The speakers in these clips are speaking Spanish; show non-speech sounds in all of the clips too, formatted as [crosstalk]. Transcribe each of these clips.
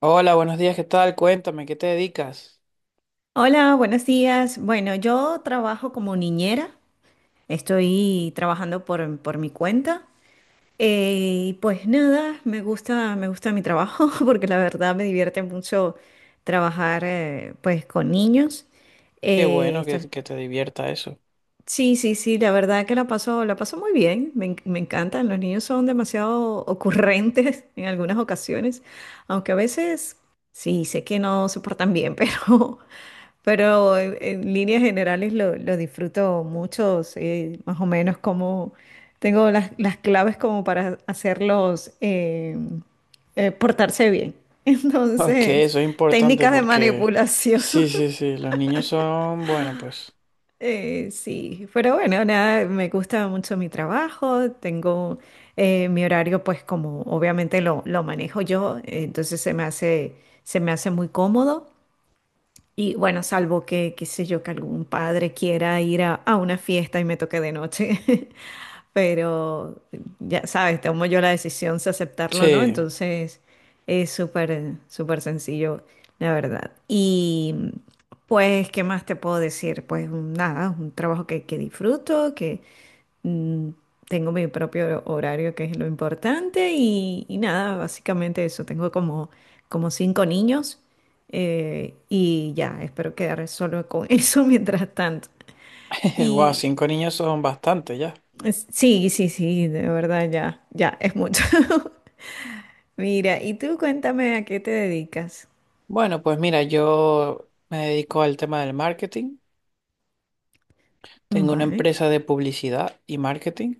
Hola, buenos días, ¿qué tal? Cuéntame, ¿qué te dedicas? Hola, buenos días. Bueno, yo trabajo como niñera, estoy trabajando por mi cuenta. Y pues nada, me gusta mi trabajo [laughs] porque la verdad me divierte mucho trabajar pues con niños. Qué Eh, bueno que, esto- que te divierta eso. [laughs] sí, sí, sí, la verdad que la paso muy bien, me encantan, los niños son demasiado ocurrentes [laughs] en algunas ocasiones, aunque a veces sí, sé que no se portan bien, [laughs] pero... Pero en líneas generales lo disfruto mucho, sé más o menos como tengo las claves como para hacerlos portarse bien. [laughs] Ok, Entonces, eso es importante técnicas de porque manipulación. sí, [laughs] sí, sí, los niños son, bueno, pues Sí, pero bueno, nada, me gusta mucho mi trabajo, tengo mi horario pues como obviamente lo manejo yo, se me hace muy cómodo. Y bueno, salvo que, qué sé yo, que algún padre quiera ir a una fiesta y me toque de noche. [laughs] Pero ya sabes, tomo yo la decisión si aceptarlo o no. sí, Entonces es súper sencillo, la verdad. Y pues, ¿qué más te puedo decir? Pues nada, un trabajo que disfruto, que mm, tengo mi propio horario, que es lo importante, y nada, básicamente eso. Tengo como cinco niños y ya, espero quedar solo con [laughs] eso mientras tanto. [laughs] wow, Y cinco niños son bastante ya. Sí, sí, sí, de verdad, ya, ya, es mucho. [laughs] Mira, y tú cuéntame a qué te dedicas. Bueno, pues mira, yo me dedico al tema del marketing, tengo una Vale, empresa de publicidad y marketing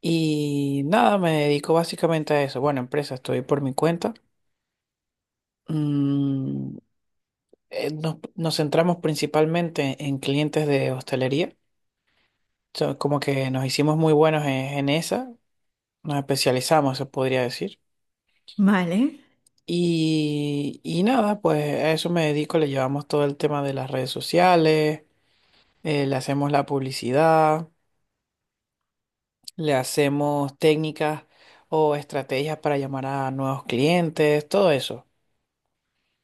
y nada, me dedico básicamente a eso. Bueno, empresa, estoy por mi cuenta. Mm, nos centramos principalmente en clientes de hostelería. So, como que nos hicimos muy buenos en, en esa, nos especializamos, se podría decir. vale, Y nada, pues a eso me dedico, le llevamos todo el tema de las redes sociales, le hacemos la publicidad, le hacemos técnicas o estrategias para llamar a nuevos clientes, todo eso.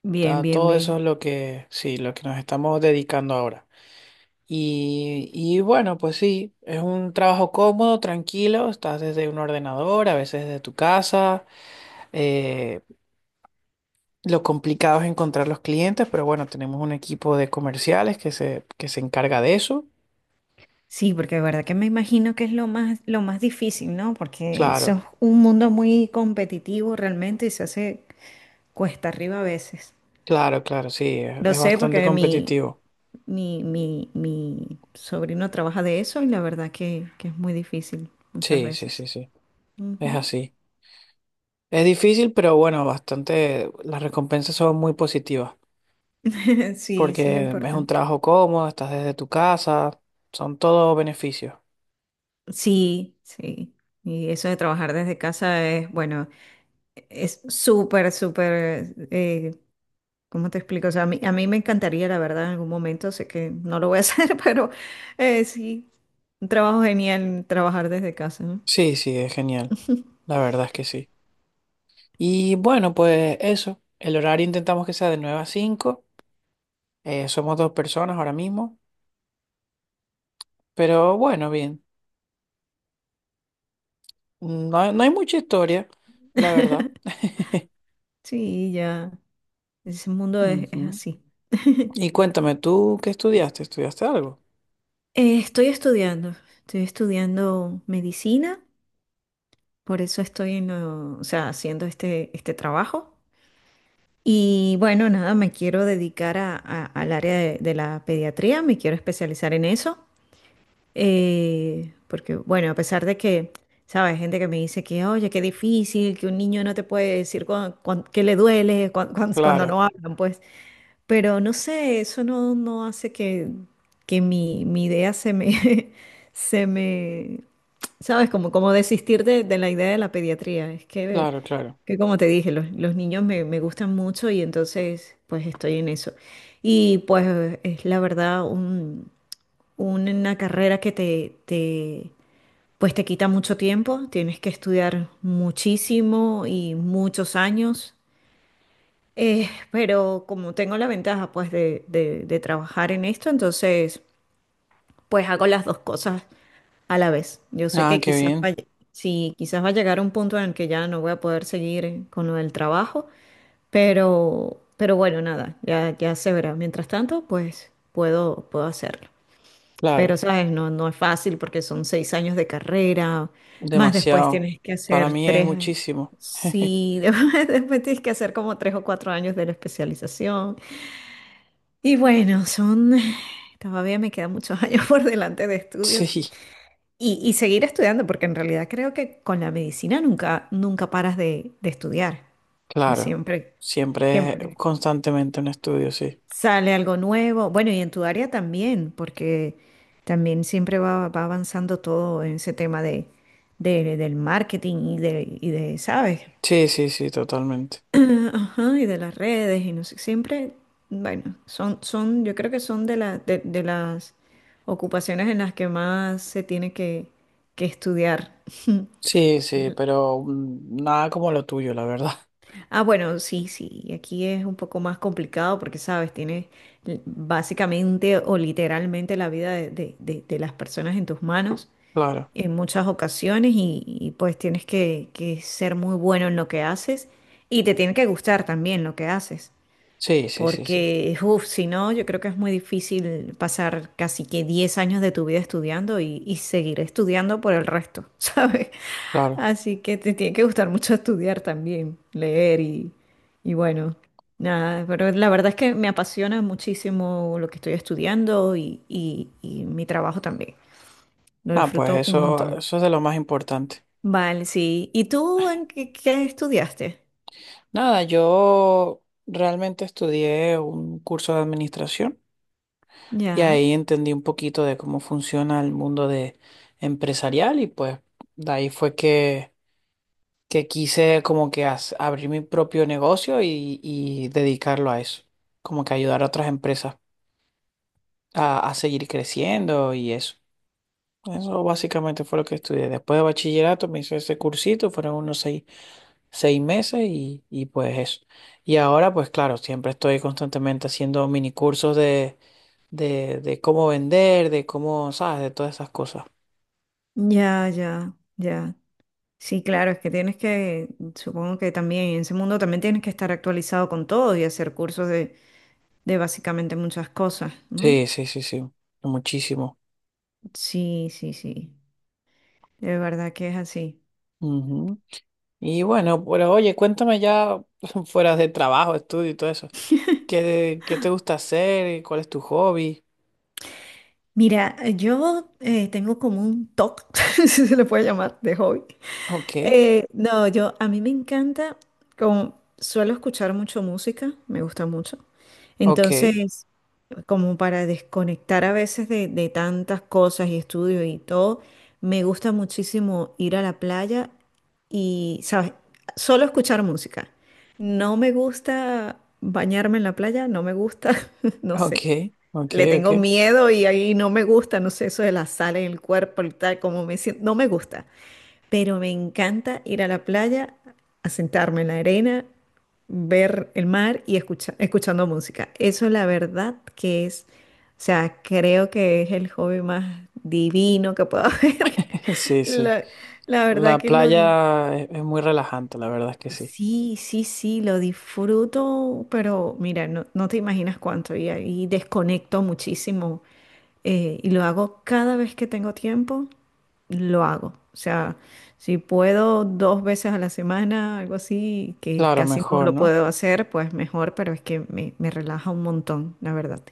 Todo eso bien. es lo que, sí, lo que nos estamos dedicando ahora. Y bueno, pues sí, es un trabajo cómodo, tranquilo, estás desde un ordenador, a veces desde tu casa. Eh, lo complicado es encontrar los clientes, pero bueno, tenemos un equipo de comerciales que se encarga de eso. Sí, porque de verdad que me imagino que es lo más difícil, ¿no? Porque eso es Claro, un mundo muy competitivo realmente y se hace cuesta arriba a veces. claro, claro, sí, es, Lo es sé bastante porque competitivo. Mi sobrino trabaja de eso y la verdad que es muy difícil muchas Sí, sí, sí, veces. sí, es Ujú. [laughs] así. Es difícil, pero bueno, bastante, las recompensas son muy positivas, Sí, sí es lo porque es un importante. trabajo cómodo, estás desde tu casa, son todos beneficios. Sí, sí. Y eso de trabajar desde casa es, bueno, es súper ¿cómo te explico? O sea, a mí me encantaría, la verdad, en algún momento, sé que no lo voy a [laughs] hacer, pero sí, un trabajo genial trabajar desde casa, ¿no? Sí, sí, es genial. La verdad es que sí. Y bueno, pues eso, el horario intentamos que sea de 9 a 5. Somos dos personas ahora mismo, pero bueno, bien. No, no hay mucha historia, la verdad. [laughs] [laughs] Sí, ya, ese mundo es Ujú. así. [laughs] Y cuéntame, ¿tú qué estudiaste? ¿Estudiaste algo? Estoy estudiando medicina, por eso estoy o sea, haciendo este trabajo. Y bueno, nada, me quiero dedicar al área de la pediatría, me quiero especializar en eso. Porque, bueno, a pesar de que, ¿sabes? Gente que me dice que, oye, qué difícil, que un niño no te puede decir que le duele cuando, Claro, no hablan, pues. Pero no sé, eso no, no hace que mi idea se me, [laughs] se me, ¿sabes? Como, como desistir de la idea de la pediatría. Es claro, claro. que como te dije, los niños me, me gustan mucho y entonces, pues estoy en eso. Y pues es la verdad una carrera que pues te quita mucho tiempo, tienes que estudiar muchísimo y muchos años, pero como tengo la ventaja pues de trabajar en esto, entonces pues hago las dos cosas a la vez. Yo sé Ah, que qué quizás bien. vaya, sí, quizás va a llegar un punto en el que ya no voy a poder seguir con lo del trabajo, pero bueno, nada, ya, ya se verá. Mientras tanto, puedo hacerlo. Claro, Pero, ¿sabes? No, no es fácil porque son 6 años de carrera, más después demasiado. tienes que Para hacer mí es tres, muchísimo. [laughs] sí, [laughs] después tienes que hacer como tres o cuatro años de la especialización. Y bueno, son, [sighs] todavía me quedan muchos [laughs] años por delante de estudios. Sí, Y seguir estudiando, porque en realidad creo que con la medicina nunca, nunca paras de estudiar. Pues claro. siempre, Siempre es siempre. constantemente un estudio, sí. Sale algo nuevo. Bueno, y en tu área también, porque también siempre va, va avanzando todo en ese tema del marketing y de, ¿sabes? Sí, sí, sí, totalmente. [clears throat] Ajá, y de las redes y no sé, siempre, bueno, yo creo que son de, de las ocupaciones en las que más se tiene que estudiar. Sí, sí, pero mm, nada como lo tuyo, la verdad. [laughs] Ah, bueno, sí, sí, aquí es un poco más complicado porque, sabes, tienes básicamente o literalmente la vida de, de las personas en tus manos Claro. en muchas ocasiones y, pues tienes que ser muy bueno en lo que haces y te tiene que gustar también lo que haces. Sí, sí, sí, sí. Porque, uff, si no, yo creo que es muy difícil pasar casi que 10 años de tu vida estudiando y seguir estudiando por el resto, [laughs] ¿sabes? Claro. Así que te tiene que gustar mucho estudiar también, leer y bueno, nada, pero la verdad es que me apasiona muchísimo lo que estoy estudiando y mi trabajo también. Lo Ah, pues disfruto un eso, montón. eso es de lo más importante. Vale, sí. ¿Y tú en qué, qué estudiaste? Nada, yo realmente estudié un curso de administración y Ya, ahí entendí un poquito de cómo funciona el mundo de empresarial y pues de ahí fue que quise como que abrir mi propio negocio y dedicarlo a eso, como que ayudar a otras empresas a seguir creciendo y eso. Eso básicamente fue lo que estudié. Después de bachillerato me hice ese cursito, fueron unos seis meses y pues eso. Y ahora pues claro, siempre estoy constantemente haciendo mini cursos de cómo vender, de cómo, ¿sabes? De todas esas cosas. ya, ya, ya. Sí, claro, es que tienes que, supongo que también en ese mundo también tienes que estar actualizado con todo y hacer cursos de básicamente muchas cosas, ¿no? Sí, sí, sí, sí, muchísimo. Sí, sí, sí, de verdad que es así. Ujú. Y bueno, pero oye, cuéntame ya [laughs] fuera de trabajo, estudio y todo eso. ¿¿Qué te gusta hacer? ¿Cuál es tu hobby? Mira, yo tengo como un TOC, [laughs] si se le puede llamar, de hobby. Ok, No, a mí me encanta, como suelo escuchar mucho música, me gusta mucho. ok, Entonces, como para desconectar a veces de tantas cosas y estudios y todo, me gusta muchísimo ir a la playa y, ¿sabes? Solo escuchar música. No me gusta bañarme en la playa, no me gusta, [laughs] no ok, sé. ok, Le ok. tengo miedo y ahí no me gusta, no sé, eso de la sal en el cuerpo y tal, como me siento, no me gusta, pero me encanta ir a la playa, a sentarme en la arena, ver el mar y escuchando música. Eso la verdad que es, o sea, creo que es el hobby más divino que puedo [laughs] haber. [laughs] Sí, sí. La, la verdad La que lo, di- playa es muy relajante, la verdad es que sí. Sí, sí, sí, lo disfruto, pero mira, no te imaginas cuánto y ahí desconecto muchísimo y lo hago cada vez que tengo tiempo, lo hago. O sea, si puedo dos veces a la semana, algo así, que Claro, casi no mejor, lo ¿no? puedo hacer, pues mejor, pero es que me relaja un montón, la verdad.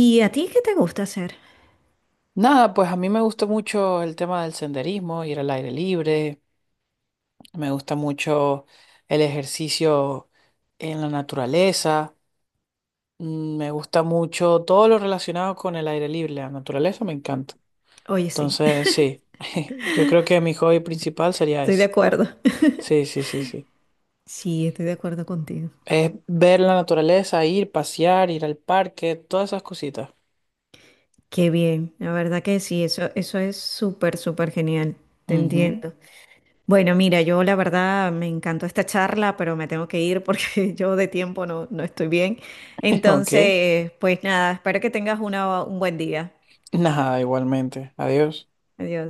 ¿Y a ti qué te gusta hacer? Nada, pues a mí me gusta mucho el tema del senderismo, ir al aire libre, me gusta mucho el ejercicio en la naturaleza, mm, me gusta mucho todo lo relacionado con el aire libre, la naturaleza me encanta. Oye, sí, Entonces, [laughs] sí, [laughs] yo creo que mi hobby principal sería estoy de ese. acuerdo. [laughs] Sí, sí, sí, sí. Sí, estoy de acuerdo contigo. Es ver la naturaleza, ir, pasear, ir al parque, todas esas cositas. Qué bien, la verdad que sí, eso es súper genial, te Ujú. [laughs] entiendo. Bueno, mira, yo la verdad me encantó esta charla, pero me tengo que ir porque [laughs] yo de tiempo no estoy bien. Ok. Entonces, pues nada, espero que tengas un buen día. Nada, igualmente. Adiós. Adiós.